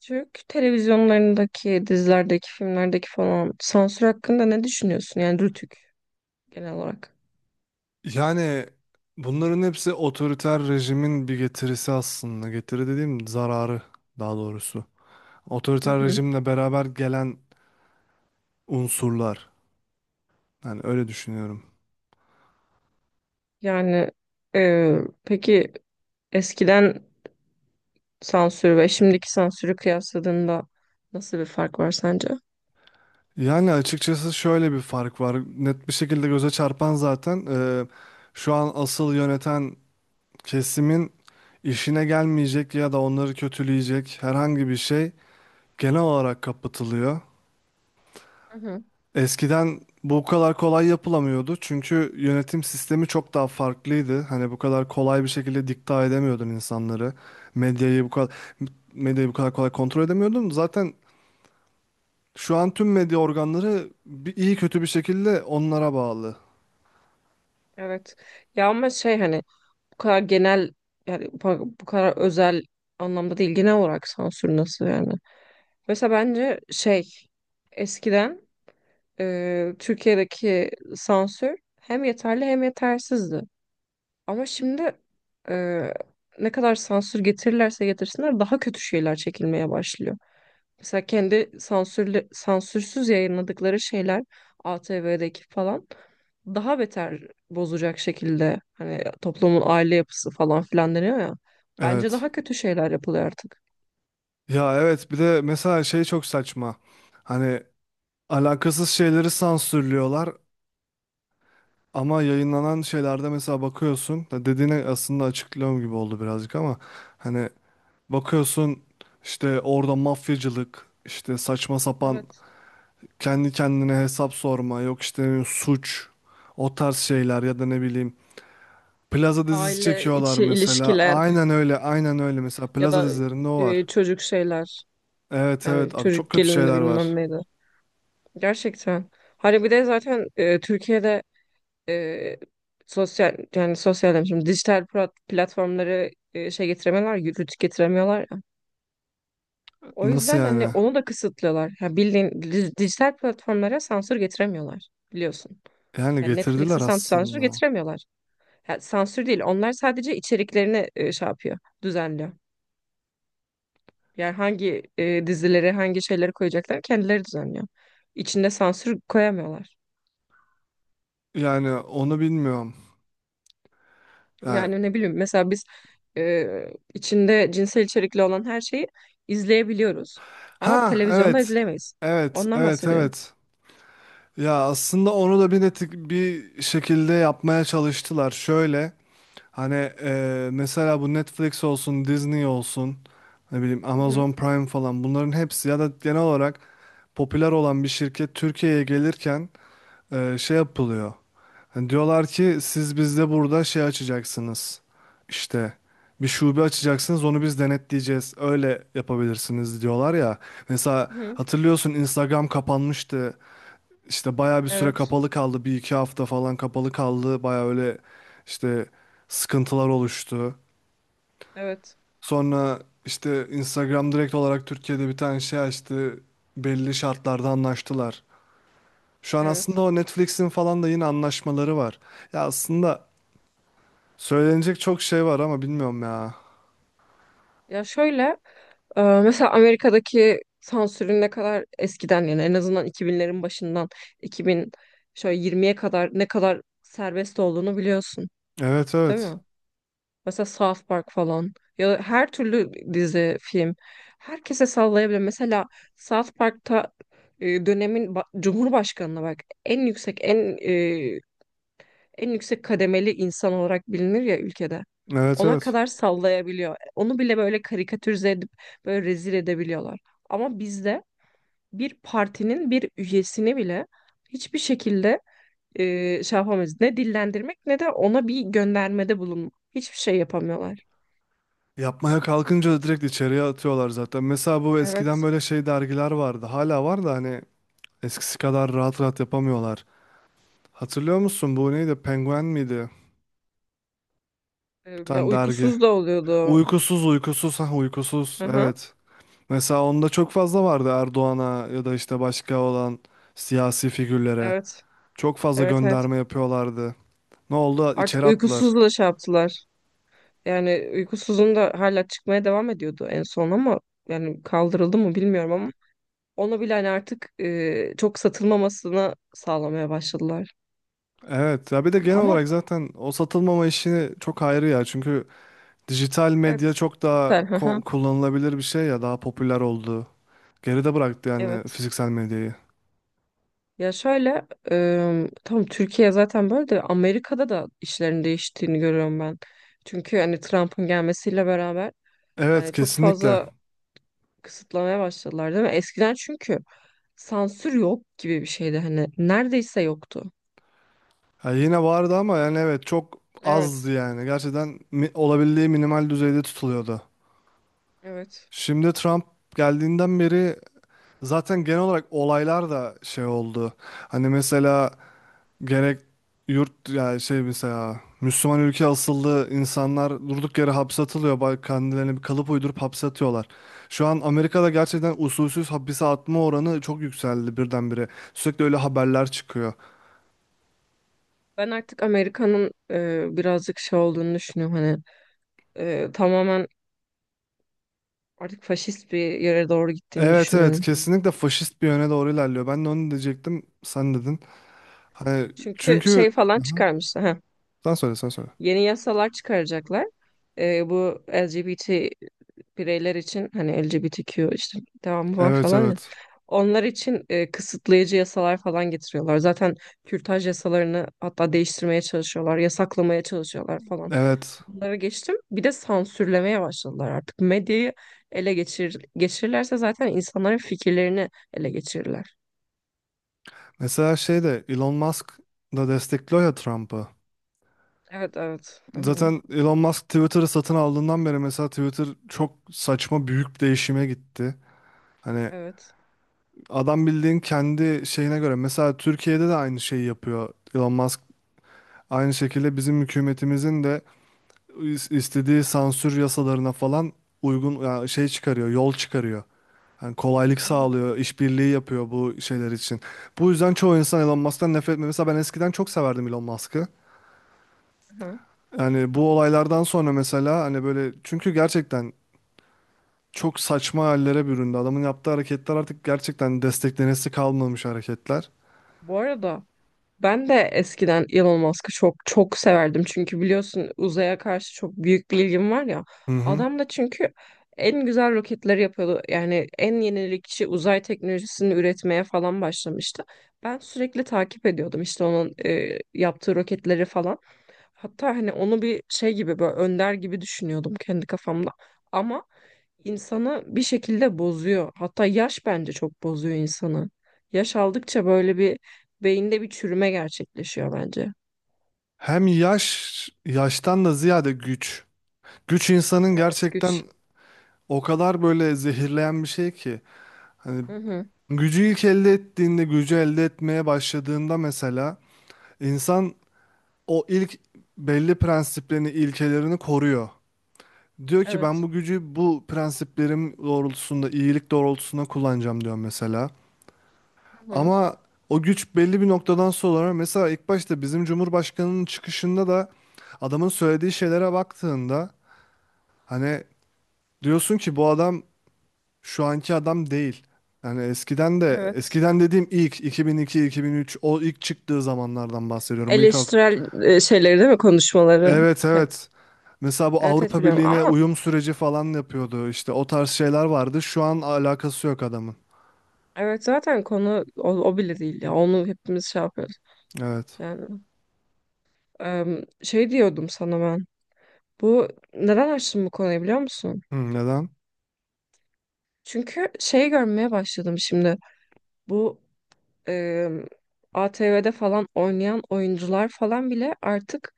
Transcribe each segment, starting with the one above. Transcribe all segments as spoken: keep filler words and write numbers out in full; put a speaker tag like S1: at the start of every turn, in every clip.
S1: Türk televizyonlarındaki, dizilerdeki, filmlerdeki falan sansür hakkında ne düşünüyorsun? Yani Rütük genel olarak.
S2: Yani bunların hepsi otoriter rejimin bir getirisi aslında. Getiri dediğim zararı daha doğrusu.
S1: Hı
S2: Otoriter
S1: hı.
S2: rejimle beraber gelen unsurlar. Yani öyle düşünüyorum.
S1: Yani e, peki eskiden Sansür ve şimdiki sansürü kıyasladığında nasıl bir fark var sence?
S2: Yani açıkçası şöyle bir fark var. Net bir şekilde göze çarpan zaten e, şu an asıl yöneten kesimin işine gelmeyecek ya da onları kötüleyecek herhangi bir şey genel olarak kapatılıyor.
S1: Hı hı,
S2: Eskiden bu kadar kolay yapılamıyordu çünkü yönetim sistemi çok daha farklıydı. Hani bu kadar kolay bir şekilde dikte edemiyordun insanları. Medyayı bu kadar medyayı bu kadar kolay kontrol edemiyordun. Zaten şu an tüm medya organları bir, iyi kötü bir şekilde onlara bağlı.
S1: evet. Ya ama şey hani bu kadar genel yani bu bu kadar özel anlamda değil genel olarak sansür nasıl yani? Mesela bence şey eskiden e, Türkiye'deki sansür hem yeterli hem yetersizdi. Ama şimdi e, ne kadar sansür getirirlerse getirsinler daha kötü şeyler çekilmeye başlıyor. Mesela kendi sansürlü, sansürsüz yayınladıkları şeyler A T V'deki falan daha beter bozacak şekilde hani toplumun aile yapısı falan filan deniyor ya. Bence
S2: Evet.
S1: daha kötü şeyler yapılıyor artık.
S2: Ya evet, bir de mesela şey çok saçma. Hani alakasız şeyleri sansürlüyorlar ama yayınlanan şeylerde mesela bakıyorsun. Ya dediğine aslında açıklıyorum gibi oldu birazcık ama hani bakıyorsun işte orada mafyacılık, işte saçma sapan
S1: Evet,
S2: kendi kendine hesap sorma, yok işte suç, o tarz şeyler ya da ne bileyim. Plaza dizisi
S1: aile
S2: çekiyorlar
S1: içi
S2: mesela.
S1: ilişkiler.
S2: Aynen öyle, aynen öyle. Mesela
S1: Ya
S2: Plaza
S1: da
S2: dizilerinde o
S1: e,
S2: var.
S1: çocuk şeyler.
S2: Evet evet,
S1: Yani
S2: abi çok
S1: çocuk
S2: kötü
S1: gelini
S2: şeyler
S1: bilmem
S2: var.
S1: neydi. Gerçekten. Hani bir de zaten e, Türkiye'de e, sosyal yani sosyal demişim dijital plat- platformları e, şey getiremiyorlar, yürütü getiremiyorlar ya. O
S2: Nasıl
S1: yüzden hani
S2: yani?
S1: onu da kısıtlıyorlar. Ya bildiğin di- dijital platformlara sansür getiremiyorlar biliyorsun.
S2: Yani
S1: Yani
S2: getirdiler
S1: Netflix'e sansür sansür
S2: aslında.
S1: getiremiyorlar. Yani sansür değil. Onlar sadece içeriklerini e, şey yapıyor, düzenliyor. Yani hangi e, dizileri, hangi şeyleri koyacaklar kendileri düzenliyor. İçinde sansür koyamıyorlar.
S2: Yani onu bilmiyorum. Yani...
S1: Yani ne bileyim mesela biz e, içinde cinsel içerikli olan her şeyi izleyebiliyoruz. Ama
S2: Ha
S1: televizyonda
S2: evet.
S1: izleyemeyiz.
S2: Evet,
S1: Ondan
S2: evet,
S1: bahsediyorum.
S2: evet. Ya aslında onu da bir netik bir şekilde yapmaya çalıştılar. Şöyle hani e, mesela bu Netflix olsun, Disney olsun, ne bileyim
S1: Hı hı,
S2: Amazon Prime falan, bunların hepsi ya da genel olarak popüler olan bir şirket Türkiye'ye gelirken e, şey yapılıyor. Hani diyorlar ki siz bizde burada şey açacaksınız. İşte bir şube açacaksınız, onu biz denetleyeceğiz. Öyle yapabilirsiniz diyorlar ya. Mesela
S1: hı.
S2: hatırlıyorsun, Instagram kapanmıştı. İşte bayağı bir süre
S1: Evet,
S2: kapalı kaldı. Bir iki hafta falan kapalı kaldı. Bayağı öyle işte sıkıntılar oluştu.
S1: evet,
S2: Sonra işte Instagram direkt olarak Türkiye'de bir tane şey açtı. Belli şartlarda anlaştılar. Şu an aslında
S1: evet.
S2: o Netflix'in falan da yine anlaşmaları var. Ya aslında söylenecek çok şey var ama bilmiyorum ya.
S1: Ya şöyle e, mesela Amerika'daki sansürün ne kadar eskiden, yani en azından iki binlerin başından iki bin şöyle yirmiye kadar ne kadar serbest olduğunu biliyorsun,
S2: Evet
S1: değil
S2: evet.
S1: mi? Mesela South Park falan ya da her türlü dizi, film herkese sallayabilir. Mesela South Park'ta e, dönemin ba- Cumhurbaşkanına bak, en yüksek en e, en yüksek kademeli insan olarak bilinir ya ülkede.
S2: Evet
S1: Ona
S2: evet.
S1: kadar sallayabiliyor. Onu bile böyle karikatürize edip böyle rezil edebiliyorlar. Ama bizde bir partinin bir üyesini bile hiçbir şekilde e, şey yapamayız. Ne dillendirmek ne de ona bir göndermede bulunmak. Hiçbir şey yapamıyorlar.
S2: Yapmaya kalkınca da direkt içeriye atıyorlar zaten. Mesela bu eskiden
S1: Evet.
S2: böyle şey dergiler vardı. Hala var da hani eskisi kadar rahat rahat yapamıyorlar. Hatırlıyor musun bu neydi? Penguen miydi? Bir
S1: Ee, Ya
S2: tane dergi.
S1: uykusuz da oluyordu.
S2: Uykusuz, uykusuz, ha uykusuz,
S1: Hı hı.
S2: evet. Mesela onda çok fazla vardı Erdoğan'a ya da işte başka olan siyasi figürlere.
S1: Evet.
S2: Çok fazla
S1: Evet, evet.
S2: gönderme yapıyorlardı. Ne oldu?
S1: Artık
S2: İçeri attılar.
S1: uykusuzla şey yaptılar. Yani uykusuzun da hala çıkmaya devam ediyordu en son ama yani kaldırıldı mı bilmiyorum ama onu bile hani artık e, çok satılmamasını sağlamaya başladılar.
S2: Evet ya, bir de genel
S1: Ama
S2: olarak zaten o satılmama işini çok ayrı ya. Çünkü dijital medya
S1: evet,
S2: çok daha
S1: güzel. Hı hı.
S2: ko- kullanılabilir bir şey ya, daha popüler oldu. Geride bıraktı yani
S1: Evet.
S2: fiziksel medyayı.
S1: Ya şöyle e, tamam, Türkiye zaten böyle de Amerika'da da işlerin değiştiğini görüyorum ben. Çünkü hani Trump'ın gelmesiyle beraber
S2: Evet
S1: yani çok
S2: kesinlikle.
S1: fazla kısıtlamaya başladılar değil mi? Eskiden çünkü sansür yok gibi bir şeydi, hani neredeyse yoktu.
S2: Ha, yine vardı ama yani evet çok
S1: Evet,
S2: azdı yani. Gerçekten mi- olabildiği minimal düzeyde tutuluyordu.
S1: evet.
S2: Şimdi Trump geldiğinden beri zaten genel olarak olaylar da şey oldu. Hani mesela gerek yurt yani şey mesela Müslüman ülke asıllı insanlar durduk yere hapse atılıyor. Ba- Kendilerine bir kalıp uydurup hapse atıyorlar. Şu an Amerika'da gerçekten usulsüz hapise atma oranı çok yükseldi birdenbire. Sürekli öyle haberler çıkıyor.
S1: Ben artık Amerika'nın e, birazcık şey olduğunu düşünüyorum, hani e, tamamen artık faşist bir yere doğru gittiğini
S2: Evet evet,
S1: düşünüyorum.
S2: kesinlikle faşist bir yöne doğru ilerliyor. Ben de onu diyecektim, sen dedin. Hani
S1: Çünkü şey
S2: çünkü
S1: falan çıkarmışlar. Heh,
S2: sen söyle sen söyle.
S1: yeni yasalar çıkaracaklar. E, bu L G B T bireyler için, hani L G B T Q işte devamı var
S2: Evet
S1: falan ya.
S2: evet.
S1: Onlar için e, kısıtlayıcı yasalar falan getiriyorlar. Zaten kürtaj yasalarını hatta değiştirmeye çalışıyorlar, yasaklamaya çalışıyorlar falan.
S2: Evet.
S1: Bunları geçtim. Bir de sansürlemeye başladılar artık. Medyayı ele geçir, geçirirlerse zaten insanların fikirlerini ele geçirirler.
S2: Mesela şey de Elon Musk da destekliyor ya Trump'ı.
S1: Evet, evet. Hı hı.
S2: Zaten Elon Musk Twitter'ı satın aldığından beri mesela Twitter çok saçma büyük bir değişime gitti. Hani
S1: Evet.
S2: adam bildiğin kendi şeyine göre, mesela Türkiye'de de aynı şeyi yapıyor Elon Musk. Aynı şekilde bizim hükümetimizin de is- istediği sansür yasalarına falan uygun yani şey çıkarıyor, yol çıkarıyor. Yani kolaylık
S1: Hı hı.
S2: sağlıyor, işbirliği yapıyor bu şeyler için. Bu yüzden çoğu insan Elon Musk'tan nefret etmiyor. Mesela ben eskiden çok severdim Elon Musk'ı.
S1: Hı.
S2: Yani bu olaylardan sonra mesela hani böyle, çünkü gerçekten çok saçma hallere büründü. Adamın yaptığı hareketler artık gerçekten desteklenesi kalmamış hareketler.
S1: Bu arada, Ben de eskiden Elon Musk'ı çok çok severdim. Çünkü biliyorsun uzaya karşı çok büyük bir ilgim var ya.
S2: Hı hı.
S1: Adam da çünkü en güzel roketleri yapıyordu. Yani en yenilikçi uzay teknolojisini üretmeye falan başlamıştı. Ben sürekli takip ediyordum işte onun e, yaptığı roketleri falan. Hatta hani onu bir şey gibi, böyle önder gibi düşünüyordum kendi kafamda. Ama insanı bir şekilde bozuyor. Hatta yaş bence çok bozuyor insanı. Yaş aldıkça böyle bir beyinde bir çürüme gerçekleşiyor bence.
S2: Hem yaş, yaştan da ziyade güç. Güç insanın
S1: Evet, güç.
S2: gerçekten o kadar böyle zehirleyen bir şey ki. Hani
S1: Hı hı.
S2: gücü ilk elde ettiğinde, gücü elde etmeye başladığında mesela insan o ilk belli prensiplerini, ilkelerini koruyor. Diyor ki ben
S1: Evet.
S2: bu gücü bu prensiplerim doğrultusunda, iyilik doğrultusunda kullanacağım diyor mesela.
S1: Hı hı.
S2: Ama o güç belli bir noktadan sonra, mesela ilk başta bizim Cumhurbaşkanı'nın çıkışında da adamın söylediği şeylere baktığında hani diyorsun ki bu adam şu anki adam değil. Yani eskiden de,
S1: Evet.
S2: eskiden dediğim ilk iki bin iki-iki bin üç, o ilk çıktığı zamanlardan bahsediyorum. Bu ilk ab-
S1: Eleştirel e, şeyleri değil mi konuşmaları?
S2: evet
S1: Hep.
S2: evet. Mesela bu
S1: Evet evet
S2: Avrupa
S1: biliyorum
S2: Birliği'ne
S1: ama
S2: uyum süreci falan yapıyordu. İşte o tarz şeyler vardı. Şu an alakası yok adamın.
S1: evet zaten konu o, o bile değil ya. Onu hepimiz şey yapıyoruz.
S2: Evet.
S1: Yani em, şey diyordum sana ben. Bu neden açtım bu konuyu biliyor musun?
S2: Hı, neden?
S1: Çünkü şey görmeye başladım şimdi. Bu e, A T V'de falan oynayan oyuncular falan bile artık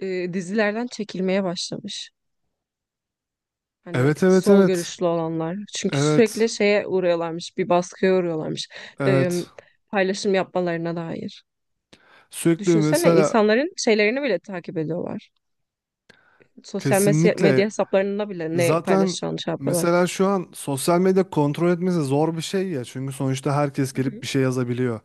S1: e, dizilerden çekilmeye başlamış. Hani
S2: Evet evet
S1: sol
S2: evet.
S1: görüşlü olanlar. Çünkü sürekli
S2: Evet.
S1: şeye uğruyorlarmış, bir baskıya uğruyorlarmış. E,
S2: Evet.
S1: Paylaşım yapmalarına dair.
S2: Sürekli
S1: Düşünsene
S2: mesela
S1: insanların şeylerini bile takip ediyorlar. Sosyal mes-
S2: kesinlikle
S1: medya hesaplarında bile ne
S2: zaten,
S1: paylaşacağını şey yapıyorlar.
S2: mesela şu an sosyal medya kontrol etmesi zor bir şey ya. Çünkü sonuçta herkes
S1: Hı
S2: gelip
S1: hı.
S2: bir şey yazabiliyor.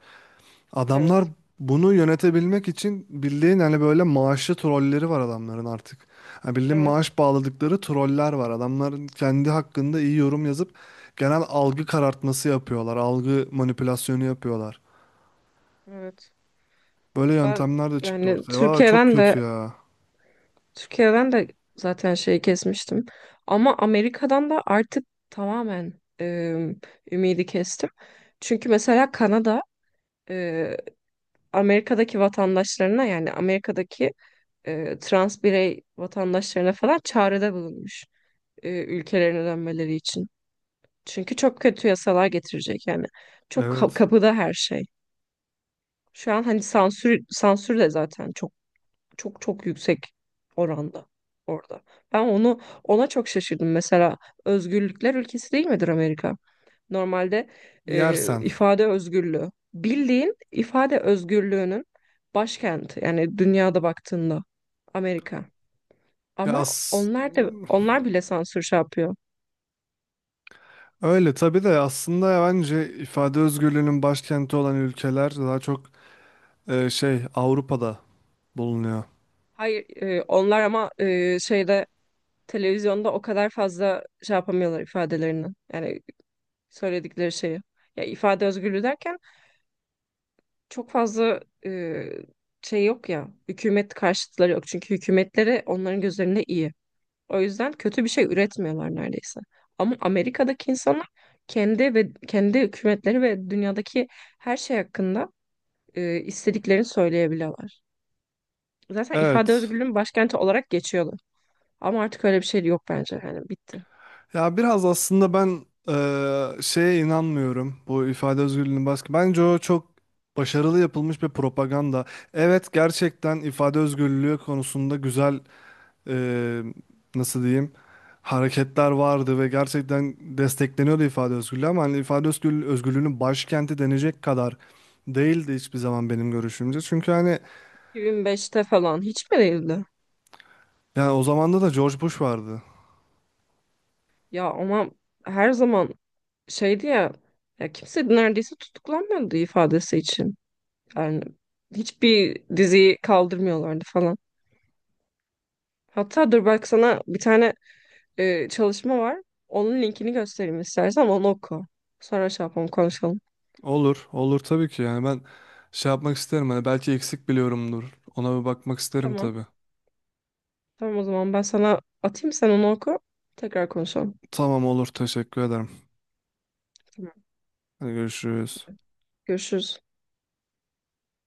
S2: Adamlar
S1: Evet,
S2: bunu yönetebilmek için bildiğin hani böyle maaşlı trolleri var adamların artık. Yani bildiğin
S1: evet,
S2: maaş bağladıkları troller var. Adamların kendi hakkında iyi yorum yazıp genel algı karartması yapıyorlar. Algı manipülasyonu yapıyorlar.
S1: evet.
S2: Böyle
S1: Ben
S2: yöntemler de çıktı
S1: yani
S2: ortaya. Valla çok
S1: Türkiye'den de
S2: kötü ya.
S1: Türkiye'den de zaten şeyi kesmiştim. Ama Amerika'dan da artık tamamen e, ümidi kestim. Çünkü mesela Kanada e, Amerika'daki vatandaşlarına, yani Amerika'daki e, trans birey vatandaşlarına falan çağrıda bulunmuş e, ülkelerine dönmeleri için. Çünkü çok kötü yasalar getirecek yani. Çok ka-
S2: Evet.
S1: kapıda her şey. Şu an hani sansür sansür de zaten çok çok çok yüksek oranda orada. Ben onu, ona çok şaşırdım. Mesela özgürlükler ülkesi değil midir Amerika? Normalde e,
S2: Yersen.
S1: ifade özgürlüğü. Bildiğin ifade özgürlüğünün başkenti. Yani dünyada baktığında Amerika.
S2: Ya
S1: Ama
S2: as-
S1: onlar da, onlar bile sansür şey yapıyor.
S2: öyle tabii de aslında ya bence ifade özgürlüğünün başkenti olan ülkeler daha çok e, şey Avrupa'da bulunuyor.
S1: Hayır, e, onlar ama e, şeyde, televizyonda o kadar fazla şey yapamıyorlar ifadelerini. Yani söyledikleri şeyi. Ya ifade özgürlüğü derken çok fazla e, şey yok ya. Hükümet karşıtları yok. Çünkü hükümetleri onların gözlerinde iyi. O yüzden kötü bir şey üretmiyorlar neredeyse. Ama Amerika'daki insanlar kendi ve kendi hükümetleri ve dünyadaki her şey hakkında e, istediklerini söyleyebiliyorlar. Zaten ifade
S2: Evet.
S1: özgürlüğünün başkenti olarak geçiyorlar. Ama artık öyle bir şey yok bence. yani Hani bitti.iki bin beşte
S2: Ya biraz aslında ben eee, şeye inanmıyorum bu ifade özgürlüğünün baskı. Bence o çok başarılı yapılmış bir propaganda. Evet gerçekten ifade özgürlüğü konusunda güzel eee, nasıl diyeyim, hareketler vardı ve gerçekten destekleniyordu ifade özgürlüğü, ama hani ifade özgürlüğü, özgürlüğünün başkenti denecek kadar değildi hiçbir zaman benim görüşümce. Çünkü hani
S1: falan hiç mi değildi?
S2: yani o zamanda da George Bush vardı.
S1: Ya ama her zaman şeydi ya, ya kimse neredeyse tutuklanmıyordu ifadesi için. Yani hiçbir diziyi kaldırmıyorlardı falan. Hatta dur, bak sana bir tane e, çalışma var. Onun linkini göstereyim, istersen onu oku. Sonra şey yapalım, konuşalım.
S2: Olur, olur tabii ki. Yani ben şey yapmak isterim. Hani belki eksik biliyorumdur. Ona bir bakmak isterim
S1: Tamam.
S2: tabii.
S1: Tamam, o zaman ben sana atayım, sen onu oku. Tekrar konuşalım.
S2: Tamam olur, teşekkür ederim.
S1: Tamam.
S2: Hadi görüşürüz.
S1: Görüşürüz.